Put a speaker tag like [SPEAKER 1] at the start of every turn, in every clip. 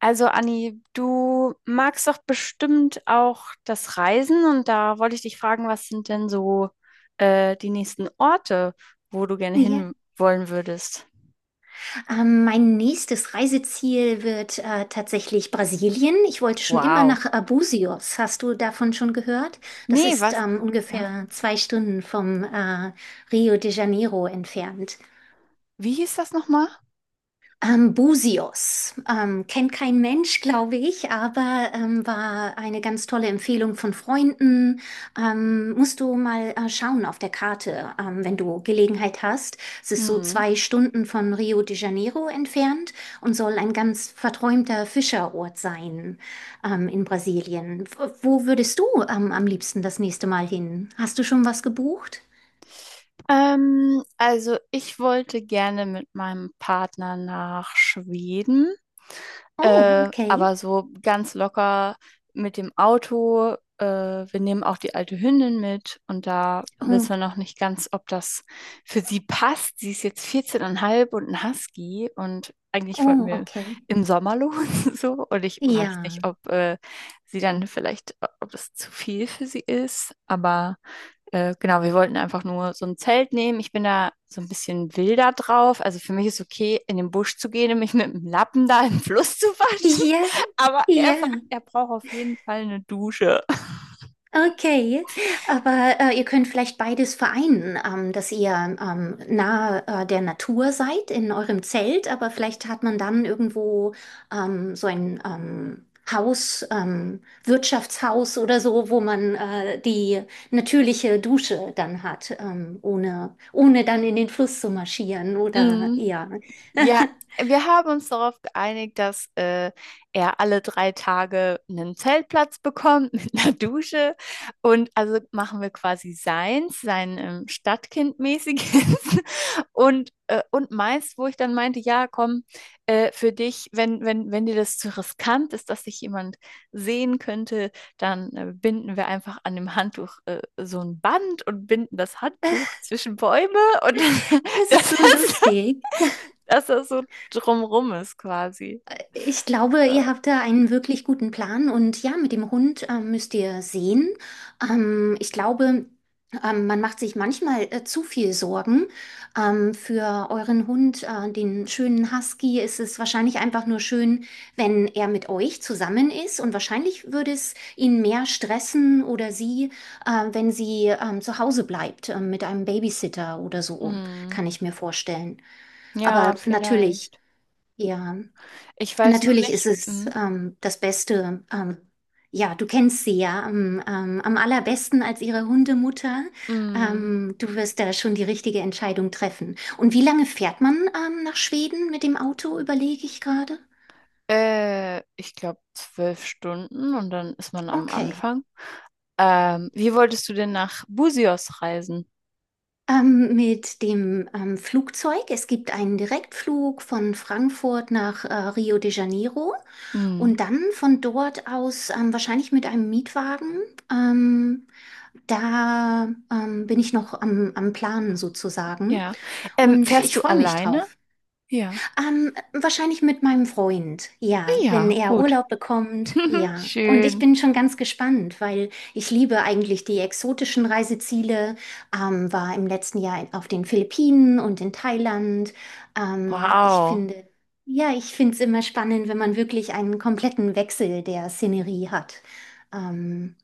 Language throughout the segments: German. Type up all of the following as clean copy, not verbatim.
[SPEAKER 1] Also Anni, du magst doch bestimmt auch das Reisen und da wollte ich dich fragen, was sind denn so die nächsten Orte, wo du gerne
[SPEAKER 2] Ja,
[SPEAKER 1] hin wollen würdest?
[SPEAKER 2] mein nächstes Reiseziel wird tatsächlich Brasilien. Ich wollte schon immer
[SPEAKER 1] Wow.
[SPEAKER 2] nach Abusios. Hast du davon schon gehört? Das
[SPEAKER 1] Nee,
[SPEAKER 2] ist
[SPEAKER 1] was? Ja.
[SPEAKER 2] ungefähr 2 Stunden vom Rio de Janeiro entfernt.
[SPEAKER 1] Wie hieß das nochmal?
[SPEAKER 2] Busios. Kennt kein Mensch, glaube ich, aber war eine ganz tolle Empfehlung von Freunden. Musst du mal schauen auf der Karte, wenn du Gelegenheit hast. Es ist so
[SPEAKER 1] Mhm.
[SPEAKER 2] 2 Stunden von Rio de Janeiro entfernt und soll ein ganz verträumter Fischerort sein, in Brasilien. Wo würdest du am liebsten das nächste Mal hin? Hast du schon was gebucht?
[SPEAKER 1] Also ich wollte gerne mit meinem Partner nach Schweden.
[SPEAKER 2] Oh, okay.
[SPEAKER 1] Aber so ganz locker mit dem Auto. Wir nehmen auch die alte Hündin mit und da wissen
[SPEAKER 2] Oh,
[SPEAKER 1] wir noch nicht ganz, ob das für sie passt. Sie ist jetzt 14,5 und ein Husky und eigentlich wollten
[SPEAKER 2] oh,
[SPEAKER 1] wir
[SPEAKER 2] okay.
[SPEAKER 1] im Sommer los so, und ich weiß
[SPEAKER 2] Ja.
[SPEAKER 1] nicht, ob sie dann vielleicht, ob das zu viel für sie ist, aber genau, wir wollten einfach nur so ein Zelt nehmen. Ich bin da so ein bisschen wilder drauf. Also für mich ist okay, in den Busch zu gehen und mich mit dem Lappen da im Fluss zu waschen.
[SPEAKER 2] Ja,
[SPEAKER 1] Aber er sagt,
[SPEAKER 2] ja,
[SPEAKER 1] er braucht auf jeden Fall eine Dusche.
[SPEAKER 2] okay. Aber ihr könnt vielleicht beides vereinen, dass ihr nahe der Natur seid in eurem Zelt, aber vielleicht hat man dann irgendwo so ein Haus, Wirtschaftshaus oder so, wo man die natürliche Dusche dann hat, ohne dann in den Fluss zu marschieren oder
[SPEAKER 1] Mhm.
[SPEAKER 2] ja.
[SPEAKER 1] Ja, wir haben uns darauf geeinigt, dass er alle 3 Tage einen Zeltplatz bekommt mit einer Dusche. Und also machen wir quasi seins, sein Stadtkind-mäßiges und meins, wo ich dann meinte, ja, komm, für dich, wenn dir das zu riskant ist, dass dich jemand sehen könnte, dann binden wir einfach an dem Handtuch so ein Band und binden das Handtuch zwischen Bäume und
[SPEAKER 2] Das ist
[SPEAKER 1] das
[SPEAKER 2] so
[SPEAKER 1] ist,
[SPEAKER 2] lustig.
[SPEAKER 1] dass das so drumrum ist, quasi.
[SPEAKER 2] Ich glaube,
[SPEAKER 1] Äh,
[SPEAKER 2] ihr habt da einen wirklich guten Plan und ja, mit dem Hund müsst ihr sehen. Ich glaube, man macht sich manchmal zu viel Sorgen. Für euren Hund, den schönen Husky, ist es wahrscheinlich einfach nur schön, wenn er mit euch zusammen ist und wahrscheinlich würde es ihn mehr stressen oder sie, wenn sie zu Hause bleibt, mit einem Babysitter oder so,
[SPEAKER 1] Hm.
[SPEAKER 2] kann ich mir vorstellen.
[SPEAKER 1] Ja,
[SPEAKER 2] Aber natürlich,
[SPEAKER 1] vielleicht.
[SPEAKER 2] ja.
[SPEAKER 1] Ich weiß nur
[SPEAKER 2] Natürlich ist
[SPEAKER 1] nicht.
[SPEAKER 2] es
[SPEAKER 1] Hm.
[SPEAKER 2] das Beste. Ja, du kennst sie ja am, am allerbesten als ihre Hundemutter.
[SPEAKER 1] Hm.
[SPEAKER 2] Du wirst da schon die richtige Entscheidung treffen. Und wie lange fährt man nach Schweden mit dem Auto, überlege ich gerade.
[SPEAKER 1] Ich glaube 12 Stunden und dann ist man am
[SPEAKER 2] Okay.
[SPEAKER 1] Anfang. Wie wolltest du denn nach Busios reisen?
[SPEAKER 2] Mit dem Flugzeug. Es gibt einen Direktflug von Frankfurt nach Rio de Janeiro
[SPEAKER 1] Hm.
[SPEAKER 2] und dann von dort aus wahrscheinlich mit einem Mietwagen. Ähm, da bin ich noch am, am Planen sozusagen
[SPEAKER 1] Ja.
[SPEAKER 2] und
[SPEAKER 1] Fährst
[SPEAKER 2] ich
[SPEAKER 1] du
[SPEAKER 2] freue mich
[SPEAKER 1] alleine?
[SPEAKER 2] drauf.
[SPEAKER 1] Ja.
[SPEAKER 2] Wahrscheinlich mit meinem Freund,
[SPEAKER 1] Ah,
[SPEAKER 2] ja, wenn
[SPEAKER 1] ja,
[SPEAKER 2] er
[SPEAKER 1] gut.
[SPEAKER 2] Urlaub bekommt, ja. Und ich
[SPEAKER 1] Schön.
[SPEAKER 2] bin schon ganz gespannt, weil ich liebe eigentlich die exotischen Reiseziele. War im letzten Jahr auf den Philippinen und in Thailand. Ich
[SPEAKER 1] Wow.
[SPEAKER 2] finde, ja, ich finde es immer spannend, wenn man wirklich einen kompletten Wechsel der Szenerie hat. Ähm,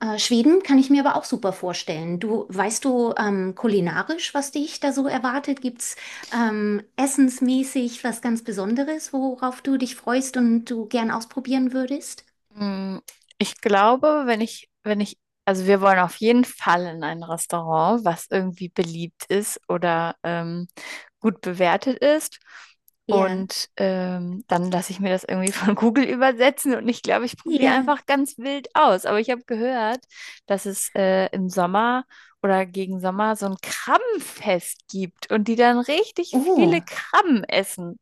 [SPEAKER 2] Schweden kann ich mir aber auch super vorstellen. Du, weißt du kulinarisch, was dich da so erwartet? Gibt's essensmäßig was ganz Besonderes, worauf du dich freust und du gern ausprobieren würdest?
[SPEAKER 1] Mm, ich glaube, wenn ich, wenn ich, also wir wollen auf jeden Fall in ein Restaurant, was irgendwie beliebt ist oder gut bewertet ist.
[SPEAKER 2] Ja,
[SPEAKER 1] Und dann lasse ich mir das irgendwie von Google übersetzen und ich glaube, ich probiere
[SPEAKER 2] ja.
[SPEAKER 1] einfach ganz wild aus. Aber ich habe gehört, dass es im Sommer oder gegen Sommer so ein Krabbenfest gibt und die dann richtig viele
[SPEAKER 2] Oh,
[SPEAKER 1] Krabben essen.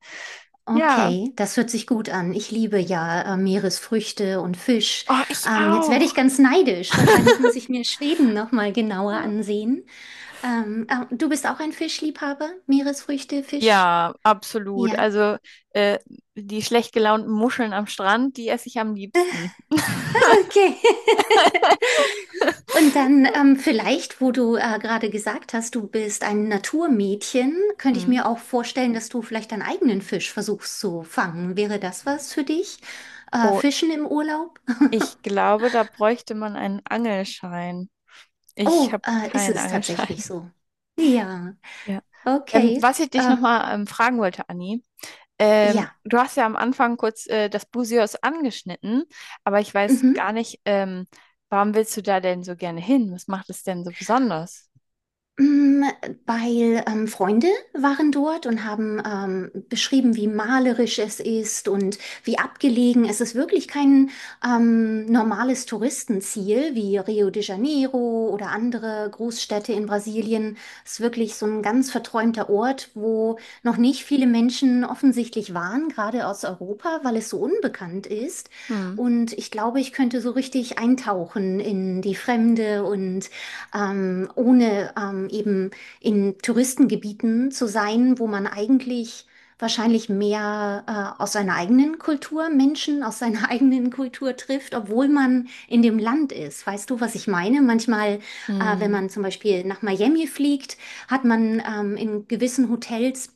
[SPEAKER 1] Ja,
[SPEAKER 2] okay, das hört sich gut an. Ich liebe ja Meeresfrüchte und Fisch.
[SPEAKER 1] oh, ich
[SPEAKER 2] Jetzt werde ich
[SPEAKER 1] auch.
[SPEAKER 2] ganz neidisch. Wahrscheinlich muss ich mir Schweden noch mal genauer ansehen. Du bist auch ein Fischliebhaber? Meeresfrüchte, Fisch?
[SPEAKER 1] Ja, absolut.
[SPEAKER 2] Ja.
[SPEAKER 1] Also äh, die schlecht gelaunten Muscheln am Strand, die esse ich am liebsten.
[SPEAKER 2] Okay. Und dann vielleicht, wo du gerade gesagt hast, du bist ein Naturmädchen, könnte ich
[SPEAKER 1] Hm.
[SPEAKER 2] mir auch vorstellen, dass du vielleicht deinen eigenen Fisch versuchst zu fangen. Wäre das was für dich?
[SPEAKER 1] Oh,
[SPEAKER 2] Fischen im Urlaub?
[SPEAKER 1] ich glaube, da bräuchte man einen Angelschein. Ich
[SPEAKER 2] Oh,
[SPEAKER 1] habe
[SPEAKER 2] ist
[SPEAKER 1] keinen
[SPEAKER 2] es tatsächlich
[SPEAKER 1] Angelschein.
[SPEAKER 2] so? Ja,
[SPEAKER 1] Ja.
[SPEAKER 2] okay.
[SPEAKER 1] Was ich dich
[SPEAKER 2] Ähm,
[SPEAKER 1] nochmal fragen wollte, Anni,
[SPEAKER 2] ja.
[SPEAKER 1] du hast ja am Anfang kurz das Busios angeschnitten, aber ich weiß
[SPEAKER 2] Mhm.
[SPEAKER 1] gar nicht, warum willst du da denn so gerne hin? Was macht es denn so besonders?
[SPEAKER 2] Mm, weil Freunde waren dort und haben beschrieben, wie malerisch es ist und wie abgelegen. Es ist wirklich kein normales Touristenziel wie Rio de Janeiro oder andere Großstädte in Brasilien. Es ist wirklich so ein ganz verträumter Ort, wo noch nicht viele Menschen offensichtlich waren, gerade aus Europa, weil es so unbekannt ist.
[SPEAKER 1] Hm.
[SPEAKER 2] Und ich glaube, ich könnte so richtig eintauchen in die Fremde und ohne eben in Touristengebieten zu sein, wo man eigentlich wahrscheinlich mehr aus seiner eigenen Kultur Menschen aus seiner eigenen Kultur trifft, obwohl man in dem Land ist. Weißt du, was ich meine? Manchmal, wenn
[SPEAKER 1] Hm.
[SPEAKER 2] man zum Beispiel nach Miami fliegt, hat man in gewissen Hotels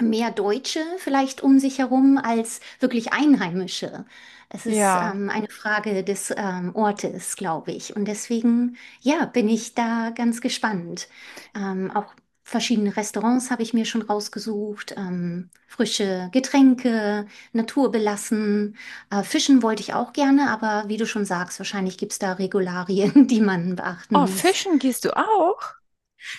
[SPEAKER 2] mehr Deutsche vielleicht um sich herum als wirklich Einheimische. Es ist
[SPEAKER 1] Ja.
[SPEAKER 2] eine Frage des Ortes, glaube ich. Und deswegen. Ja, bin ich da ganz gespannt. Auch verschiedene Restaurants habe ich mir schon rausgesucht, frische Getränke, naturbelassen. Fischen wollte ich auch gerne, aber wie du schon sagst, wahrscheinlich gibt es da Regularien, die man beachten
[SPEAKER 1] Oh,
[SPEAKER 2] muss.
[SPEAKER 1] fischen gehst du auch?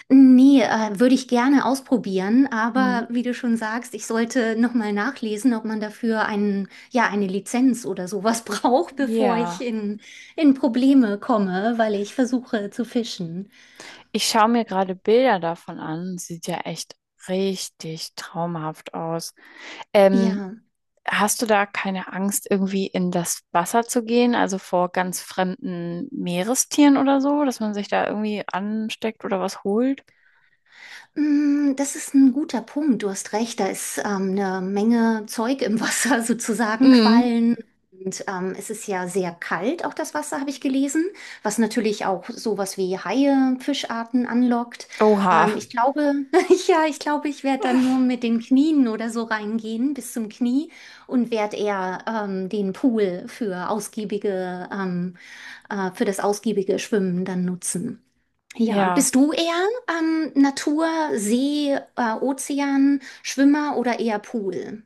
[SPEAKER 2] Nee, würde ich gerne ausprobieren,
[SPEAKER 1] Mhm.
[SPEAKER 2] aber wie du schon sagst, ich sollte nochmal nachlesen, ob man dafür einen, ja, eine Lizenz oder sowas braucht, bevor ich
[SPEAKER 1] Ja,
[SPEAKER 2] in Probleme komme, weil ich versuche zu fischen.
[SPEAKER 1] ich schaue mir gerade Bilder davon an. Sieht ja echt richtig traumhaft aus. Ähm,
[SPEAKER 2] Ja.
[SPEAKER 1] hast du da keine Angst, irgendwie in das Wasser zu gehen, also vor ganz fremden Meerestieren oder so, dass man sich da irgendwie ansteckt oder was holt?
[SPEAKER 2] Mm, das ist ein guter Punkt. Du hast recht, da ist eine Menge Zeug im Wasser, sozusagen
[SPEAKER 1] Mhm.
[SPEAKER 2] Quallen. Und es ist ja sehr kalt, auch das Wasser, habe ich gelesen, was natürlich auch sowas wie Haie, Fischarten anlockt.
[SPEAKER 1] Oha.
[SPEAKER 2] Ich glaube, ja, ich glaube, ich werde dann nur mit den Knien oder so reingehen, bis zum Knie, und werde eher den Pool für ausgiebige, für das ausgiebige Schwimmen dann nutzen. Ja,
[SPEAKER 1] Ja.
[SPEAKER 2] bist du eher Natur, See, Ozean, Schwimmer oder eher Pool?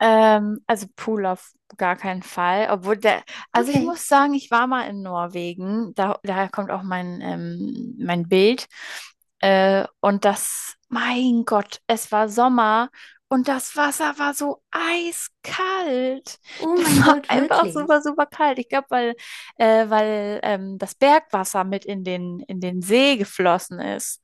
[SPEAKER 1] Also Pool auf gar keinen Fall. Obwohl der, also ich
[SPEAKER 2] Okay.
[SPEAKER 1] muss sagen, ich war mal in Norwegen. Da, daher kommt auch mein Bild. Und das, mein Gott, es war Sommer und das Wasser war so eiskalt.
[SPEAKER 2] Oh mein
[SPEAKER 1] Das war
[SPEAKER 2] Gott,
[SPEAKER 1] einfach
[SPEAKER 2] wirklich.
[SPEAKER 1] super, super kalt. Ich glaube, weil das Bergwasser mit in den See geflossen ist.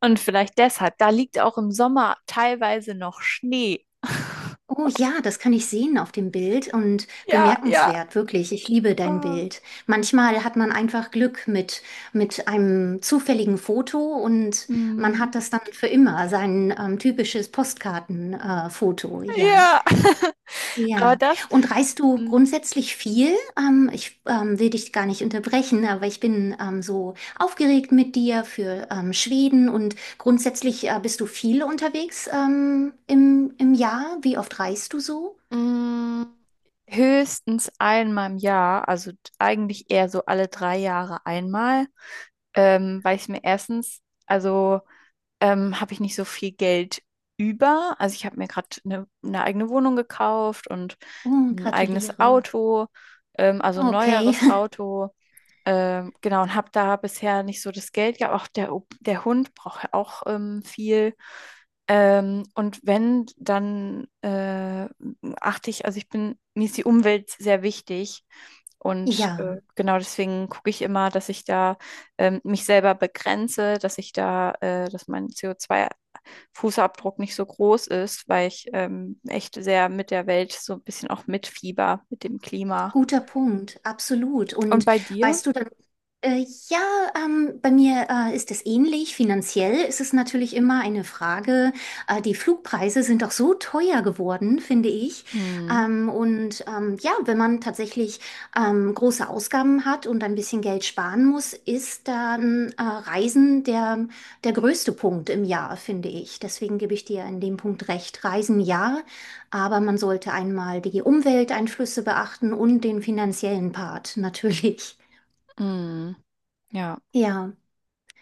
[SPEAKER 1] Und vielleicht deshalb, da liegt auch im Sommer teilweise noch Schnee.
[SPEAKER 2] Oh ja, das kann ich sehen auf dem Bild und
[SPEAKER 1] Ja, ja.
[SPEAKER 2] bemerkenswert, wirklich. Ich liebe dein
[SPEAKER 1] Ah.
[SPEAKER 2] Bild. Manchmal hat man einfach Glück mit einem zufälligen Foto und man
[SPEAKER 1] Mm.
[SPEAKER 2] hat das dann für immer, sein typisches Postkartenfoto, Foto, ja.
[SPEAKER 1] Ja. Aber
[SPEAKER 2] Ja,
[SPEAKER 1] das
[SPEAKER 2] und reist du
[SPEAKER 1] mm,
[SPEAKER 2] grundsätzlich viel? Ich will dich gar nicht unterbrechen, aber ich bin so aufgeregt mit dir für Schweden und grundsätzlich bist du viel unterwegs im, im Jahr. Wie oft reist du so?
[SPEAKER 1] mm, höchstens einmal im Jahr, also eigentlich eher so alle 3 Jahre einmal, weil ich mir erstens, also habe ich nicht so viel Geld über. Also ich habe mir gerade eine eigene Wohnung gekauft und
[SPEAKER 2] Oh,
[SPEAKER 1] ein eigenes
[SPEAKER 2] gratuliere.
[SPEAKER 1] Auto, also ein
[SPEAKER 2] Okay,
[SPEAKER 1] neueres Auto. Genau, und habe da bisher nicht so das Geld gehabt. Auch der Hund braucht ja auch viel. Und wenn, dann achte ich, also ich bin, mir ist die Umwelt sehr wichtig. Und
[SPEAKER 2] ja,
[SPEAKER 1] genau deswegen gucke ich immer, dass ich da mich selber begrenze, dass ich da, dass mein CO2 Fußabdruck nicht so groß ist, weil ich echt sehr mit der Welt so ein bisschen auch mitfieber, mit dem Klima.
[SPEAKER 2] guter Punkt, absolut.
[SPEAKER 1] Und
[SPEAKER 2] Und
[SPEAKER 1] bei dir?
[SPEAKER 2] weißt du dann ja, bei mir ist es ähnlich. Finanziell ist es natürlich immer eine Frage. Die Flugpreise sind auch so teuer geworden, finde ich.
[SPEAKER 1] Mm.
[SPEAKER 2] Und ja, wenn man tatsächlich große Ausgaben hat und ein bisschen Geld sparen muss, ist dann Reisen der, der größte Punkt im Jahr, finde ich. Deswegen gebe ich dir in dem Punkt recht. Reisen ja, aber man sollte einmal die Umwelteinflüsse beachten und den finanziellen Part natürlich.
[SPEAKER 1] Mm. Ja.
[SPEAKER 2] Ja.